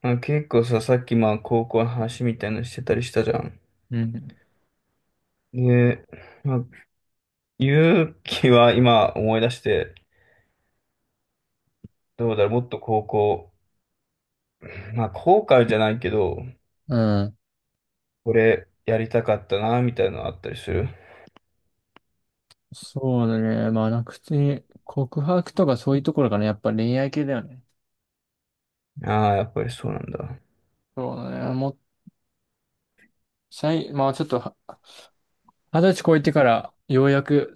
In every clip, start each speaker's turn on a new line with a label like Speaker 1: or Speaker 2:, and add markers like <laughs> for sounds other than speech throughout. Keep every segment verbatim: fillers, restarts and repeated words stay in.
Speaker 1: あ、結構さ、さっきまあ高校の話みたいのしてたりしたじゃん。
Speaker 2: うん。
Speaker 1: で、まあ、勇気は今思い出して、どうだろう、もっと高校、まあ後悔じゃないけど、
Speaker 2: うん。
Speaker 1: これやりたかったな、みたいなのあったりする。
Speaker 2: そうだね。まあ、なんか普通に告白とかそういうところかな。やっぱ恋愛系だよね。
Speaker 1: ああ、やっぱりそうなんだ。
Speaker 2: そうだね。もう、最、まあちょっとは、二十歳超えてからようやく、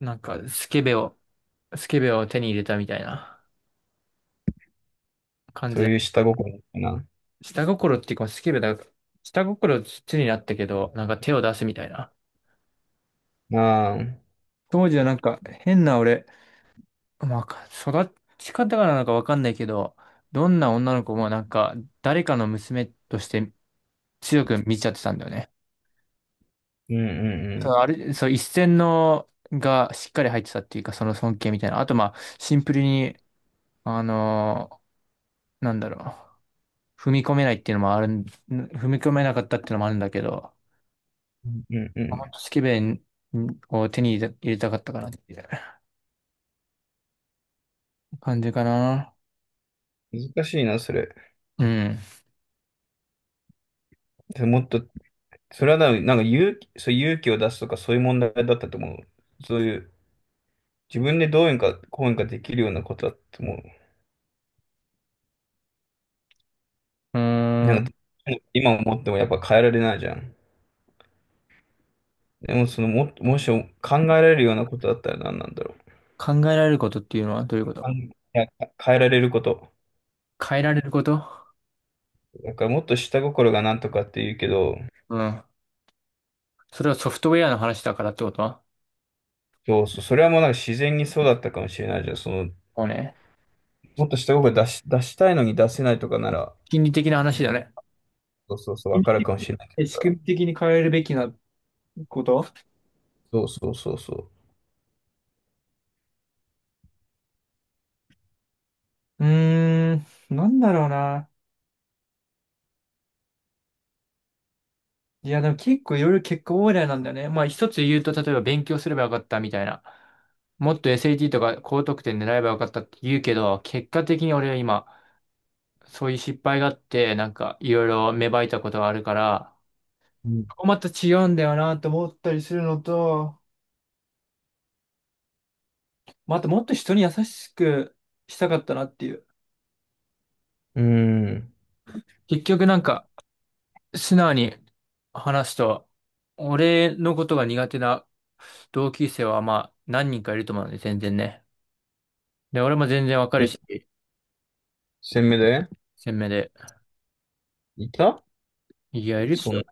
Speaker 2: なんかスケベを、スケベを手に入れたみたいな感
Speaker 1: そ
Speaker 2: じ
Speaker 1: う
Speaker 2: だ。
Speaker 1: いう下心みたいな。
Speaker 2: 下心っていうか、スケベだ。下心土になったけど、なんか手を出すみたいな。
Speaker 1: ああ、うん
Speaker 2: 当時はなんか変な俺、まあ、育ち方がなのかわかんないけど、どんな女の子もなんか誰かの娘として強く見ちゃってたんだよね。
Speaker 1: うんう
Speaker 2: そう、
Speaker 1: ん。
Speaker 2: あれ、そう、一線のがしっかり入ってたっていうか、その尊敬みたいな。あと、まあ、シンプルに、あのーなんだろう。踏み込めないっていうのもあるん、踏み込めなかったっていうのもあるんだけど、
Speaker 1: うんう
Speaker 2: もっ
Speaker 1: ん
Speaker 2: とスケベンを手に入れ入れたかったかなっていう感じかな。
Speaker 1: うん。難しいな、それ。
Speaker 2: うん。
Speaker 1: もっと、それはななんか勇気、そう勇気を出すとかそういう問題だったと思う。そういう自分でどうにかこうにかできるようなことだっても
Speaker 2: う
Speaker 1: う、
Speaker 2: ーん。
Speaker 1: なんか今思ってもやっぱ変えられないじゃん。でもそのも、もし考えられるようなことだったら何なんだろう。
Speaker 2: 考えられることっていうのはどういうこ
Speaker 1: あん
Speaker 2: と？
Speaker 1: いや変えられること。
Speaker 2: 変えられること。
Speaker 1: だからもっと下心がなんとかって言うけど、
Speaker 2: うん。それはソフトウェアの話だからってこと？
Speaker 1: そうそう、それはもうなんか自然にそうだったかもしれないじゃん。その、
Speaker 2: もうね、
Speaker 1: もっと下心出し、出したいのに出せないとかなら、
Speaker 2: 心理的な話だね。
Speaker 1: そうそうそう、わ
Speaker 2: 仕
Speaker 1: かる
Speaker 2: 組
Speaker 1: かも
Speaker 2: み的
Speaker 1: しれないけど
Speaker 2: に仕
Speaker 1: さ。
Speaker 2: 組み的に変えるべきなこと。
Speaker 1: そうそうそうそう。
Speaker 2: うーん、なんだろうな。いや、でも結構いろいろ結果オーライなんだよね。まあ一つ言うと、例えば勉強すればよかったみたいな。もっと エスエーティー とか高得点狙えばよかったって言うけど、結果的に俺は今、そういう失敗があって、なんかいろいろ芽生えたことがあるから、
Speaker 1: うん。
Speaker 2: ここまた違うんだよなと思ったりするのと、またもっと人に優しくしたかったなっていう。
Speaker 1: うーん、
Speaker 2: 結局なんか、素直に話すと、俺のことが苦手な同級生はまあ何人かいると思うんで、全然ね。で、俺も全然わかる
Speaker 1: え、
Speaker 2: し、
Speaker 1: 鮮明で、
Speaker 2: 鮮明で。
Speaker 1: いた、
Speaker 2: いや、いるで
Speaker 1: そ
Speaker 2: し
Speaker 1: んな、
Speaker 2: ょ。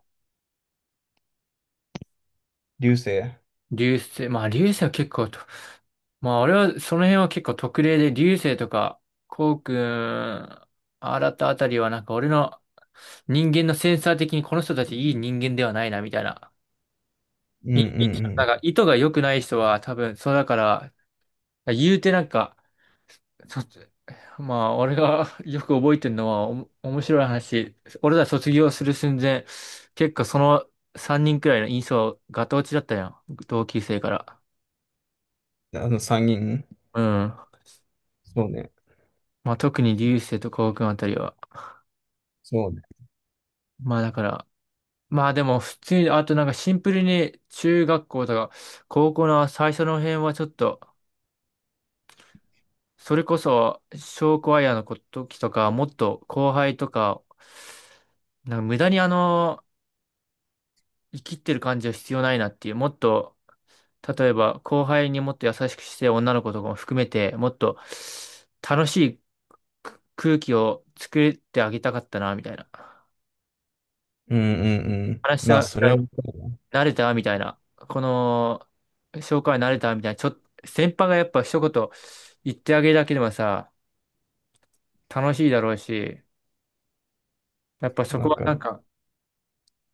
Speaker 1: 流星。
Speaker 2: 流星、まあ流星は結構と、まあ俺はその辺は結構特例で、流星とか、こうくん、新たあたりはなんか俺の人間のセンサー的にこの人たちいい人間ではないな、みたいな。
Speaker 1: うんうん
Speaker 2: い、
Speaker 1: う
Speaker 2: なん
Speaker 1: ん。
Speaker 2: か意図が良くない人は多分、そうだから、言うてなんか、そ、まあ、俺が <laughs> よく覚えてるのは、おも、面白い話。俺ら卒業する寸前、結構そのさんにんくらいの印象、ガタ落ちだったやん。同級生から。
Speaker 1: あのさんにん。
Speaker 2: うん。
Speaker 1: そうね。
Speaker 2: まあ、特に流星と高君あたりは。
Speaker 1: そうね。
Speaker 2: まあ、だから、まあでも、普通に、あとなんかシンプルに中学校とか、高校の最初の辺はちょっと、それこそ、証クアイーの時とか、もっと後輩とか、なんか無駄にあの、生きってる感じは必要ないなっていう、もっと、例えば後輩にもっと優しくして女の子とかも含めて、もっと楽しいく空気を作ってあげたかったな、みたいな。
Speaker 1: うんうんうん。
Speaker 2: 話
Speaker 1: まあ、
Speaker 2: した
Speaker 1: それはわかる
Speaker 2: 慣れたみたいな。この、紹介慣れたみたいな。ちょっと、先輩がやっぱ一言言ってあげるだけでもさ、楽しいだろうし、やっぱそ
Speaker 1: な。
Speaker 2: こ
Speaker 1: わ
Speaker 2: は
Speaker 1: か
Speaker 2: な
Speaker 1: る。
Speaker 2: んか、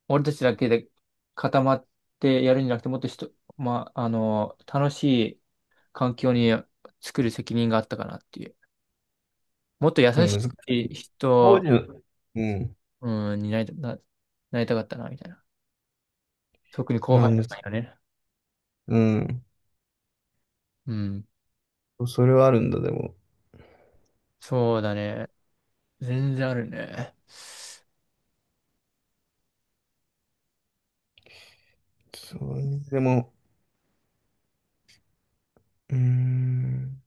Speaker 2: 俺たちだけで固まってやるんじゃなくて、もっと人、まあ、あの、楽しい、環境に作る責任があったかなっていう。もっと優
Speaker 1: でも
Speaker 2: し
Speaker 1: 難しい。
Speaker 2: い
Speaker 1: 当時
Speaker 2: 人、
Speaker 1: の、うん。
Speaker 2: うん、になりた、な、なりたかったな、みたいな。特に後
Speaker 1: まあ、
Speaker 2: 輩
Speaker 1: む
Speaker 2: だ
Speaker 1: ず、
Speaker 2: からね。
Speaker 1: うん。
Speaker 2: うん。
Speaker 1: それはあるんだ、でも。
Speaker 2: そうだね。全然あるね。
Speaker 1: そうね。でも、うーん。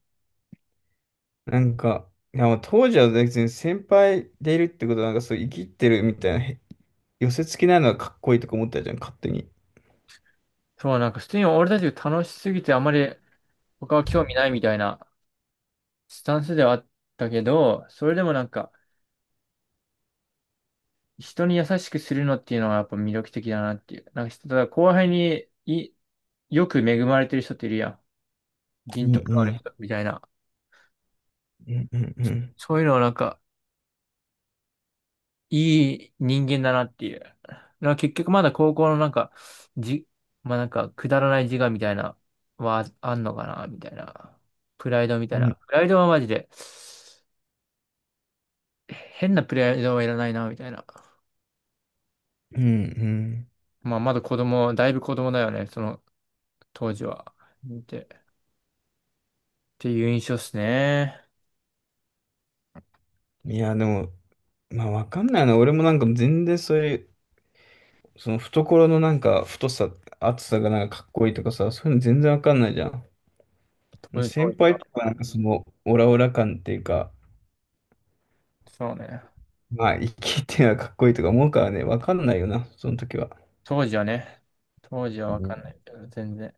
Speaker 1: なんか、いや、まあ当時は別に先輩でいるってことは、なんかそう、生きってるみたいな、へ寄せ付きないのがかっこいいとか思ったじゃん、勝手に。
Speaker 2: そう、なんか普通に俺たちが楽しすぎてあまり他は興味ないみたいなスタンスではあったけど、それでもなんか人に優しくするのっていうのはやっぱ魅力的だなっていう。なんかただ後輩にい、よく恵まれてる人っているやん。
Speaker 1: う
Speaker 2: 人
Speaker 1: ん
Speaker 2: 徳があ
Speaker 1: う
Speaker 2: る人
Speaker 1: ん
Speaker 2: みたいな。
Speaker 1: うんうんうん
Speaker 2: そういうのはなんかいい人間だなっていう。だから結局まだ高校のなんか、じ、まあなんか、くだらない自我みたいな、はあんのかな、みたいな。プライドみたい
Speaker 1: うん
Speaker 2: な。プライドはマジで、変なプライドはいらないな、みたいな。
Speaker 1: うんう
Speaker 2: まあまだ子供、だいぶ子供だよね、その当時は。見て。っていう印象っすね。
Speaker 1: ん。いやでも、まあわかんないな、俺もなんか全然そういうその懐のなんか太さ、厚さがなんかかっこいいとかさ、そういうの全然わかんないじゃん。
Speaker 2: 当時
Speaker 1: 先
Speaker 2: 当時
Speaker 1: 輩
Speaker 2: は。
Speaker 1: とかなんかそのオラオラ感っていうか、
Speaker 2: そうね。
Speaker 1: まあ生きてはかっこいいとか思うからね、わかんないよな、その時は。
Speaker 2: 当時はね。当時はわかん
Speaker 1: ね。
Speaker 2: ないけど、全然。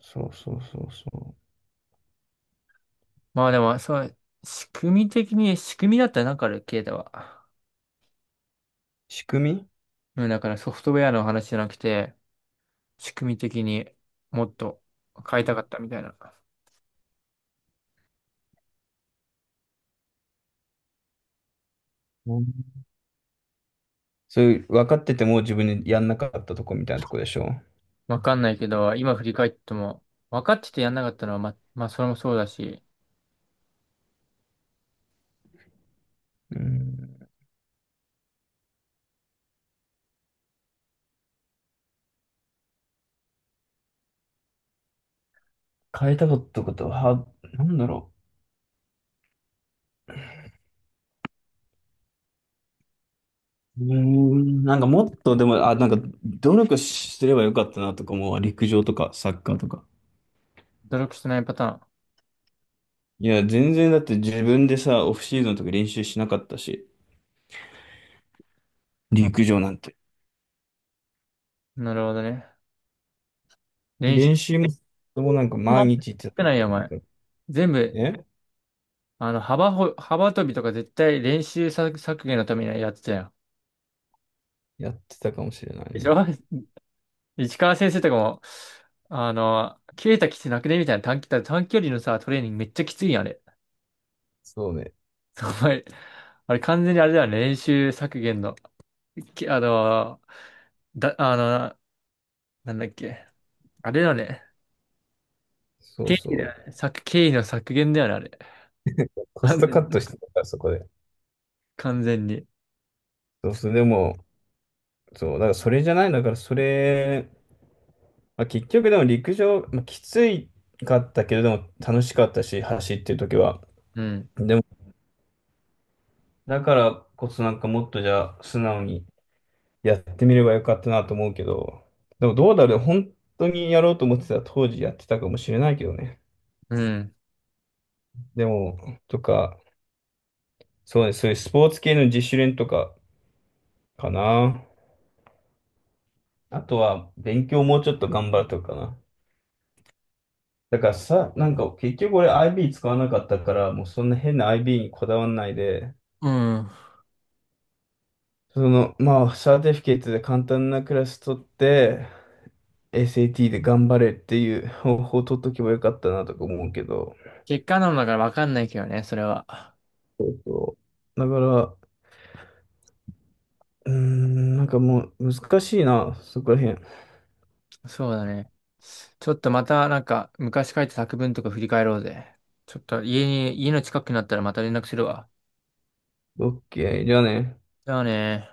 Speaker 1: そうそうそうそう。
Speaker 2: まあでも、そう、仕組み的に、仕組みだったらなんかある、ケイタは。
Speaker 1: 仕組み。
Speaker 2: うん、だからソフトウェアの話じゃなくて、仕組み的にもっと変えたかったみたいな。
Speaker 1: うん、そういう分かってても自分にやんなかったとこみたいなとこでしょ。
Speaker 2: わかんないけど、今振り返っても、分かっててやんなかったのは、ま、まあ、それもそうだし、
Speaker 1: うん、変えたかったことは、なんだろう。うーん、なんかもっとでも、あ、なんか努力すればよかったなとかも陸上とかサッカーとか。
Speaker 2: 努力してないパタ
Speaker 1: いや、全然だって自分でさ、オフシーズンとか練習しなかったし、
Speaker 2: ーン。あ、
Speaker 1: 陸上なんて。
Speaker 2: なるほどね。練
Speaker 1: 練
Speaker 2: 習
Speaker 1: 習も、もなんか毎
Speaker 2: も
Speaker 1: 日って、
Speaker 2: 少ないよ、お
Speaker 1: なん
Speaker 2: 前。
Speaker 1: か、
Speaker 2: 全部、
Speaker 1: え
Speaker 2: あの、幅ほ、幅跳びとか絶対練習削削減のためにやってたよ。
Speaker 1: やってたかもしれない
Speaker 2: でし
Speaker 1: ね。
Speaker 2: ょ <laughs> 市川先生とかも、あの、切れたきつなくねみたいな短期、短距離のさ、トレーニングめっちゃきついやん、あれ。
Speaker 1: そうね。
Speaker 2: <laughs> お前、あれ完全にあれだよね、練習削減の、き、あの、だ、あの、なんだっけ。あれだよね。
Speaker 1: そ
Speaker 2: 経
Speaker 1: うそ
Speaker 2: 費だよ
Speaker 1: う。
Speaker 2: ね。削、経費の削減だよね、あれ。<laughs>
Speaker 1: コ
Speaker 2: あ
Speaker 1: スト
Speaker 2: の、
Speaker 1: カットしてたから、そこで。
Speaker 2: 完全に。
Speaker 1: そうそう。でも、そう。だからそれじゃない。だからそれ、まあ、結局でも陸上、まあ、きついかったけれども楽しかったし、走ってる時は。
Speaker 2: うん。
Speaker 1: でも、だからこそなんかもっとじゃあ素直にやってみればよかったなと思うけど、でもどうだろう、本当にやろうと思ってたら当時やってたかもしれないけどね。
Speaker 2: うん。
Speaker 1: でも、とか、そうね、そういうスポーツ系の自主練とかかな。あとは勉強もうちょっと頑張るとかかな。だからさ、なんか結局俺 アイビー 使わなかったから、もうそんな変な アイビー にこだわんないで、
Speaker 2: うん。
Speaker 1: その、まあ、サーティフィケートで簡単なクラス取って、エスエーティー で頑張れっていう方法を取っとけばよかったなとか思うけど、
Speaker 2: 結果論だからわかんないけどね、それは。
Speaker 1: そうそう。だから、うーん、なんかもう難しいな、そこら辺。
Speaker 2: そうだね。ちょっとまたなんか昔書いた作文とか振り返ろうぜ。ちょっと家に、家の近くになったらまた連絡するわ。
Speaker 1: オッケー、じゃあね。
Speaker 2: じゃあね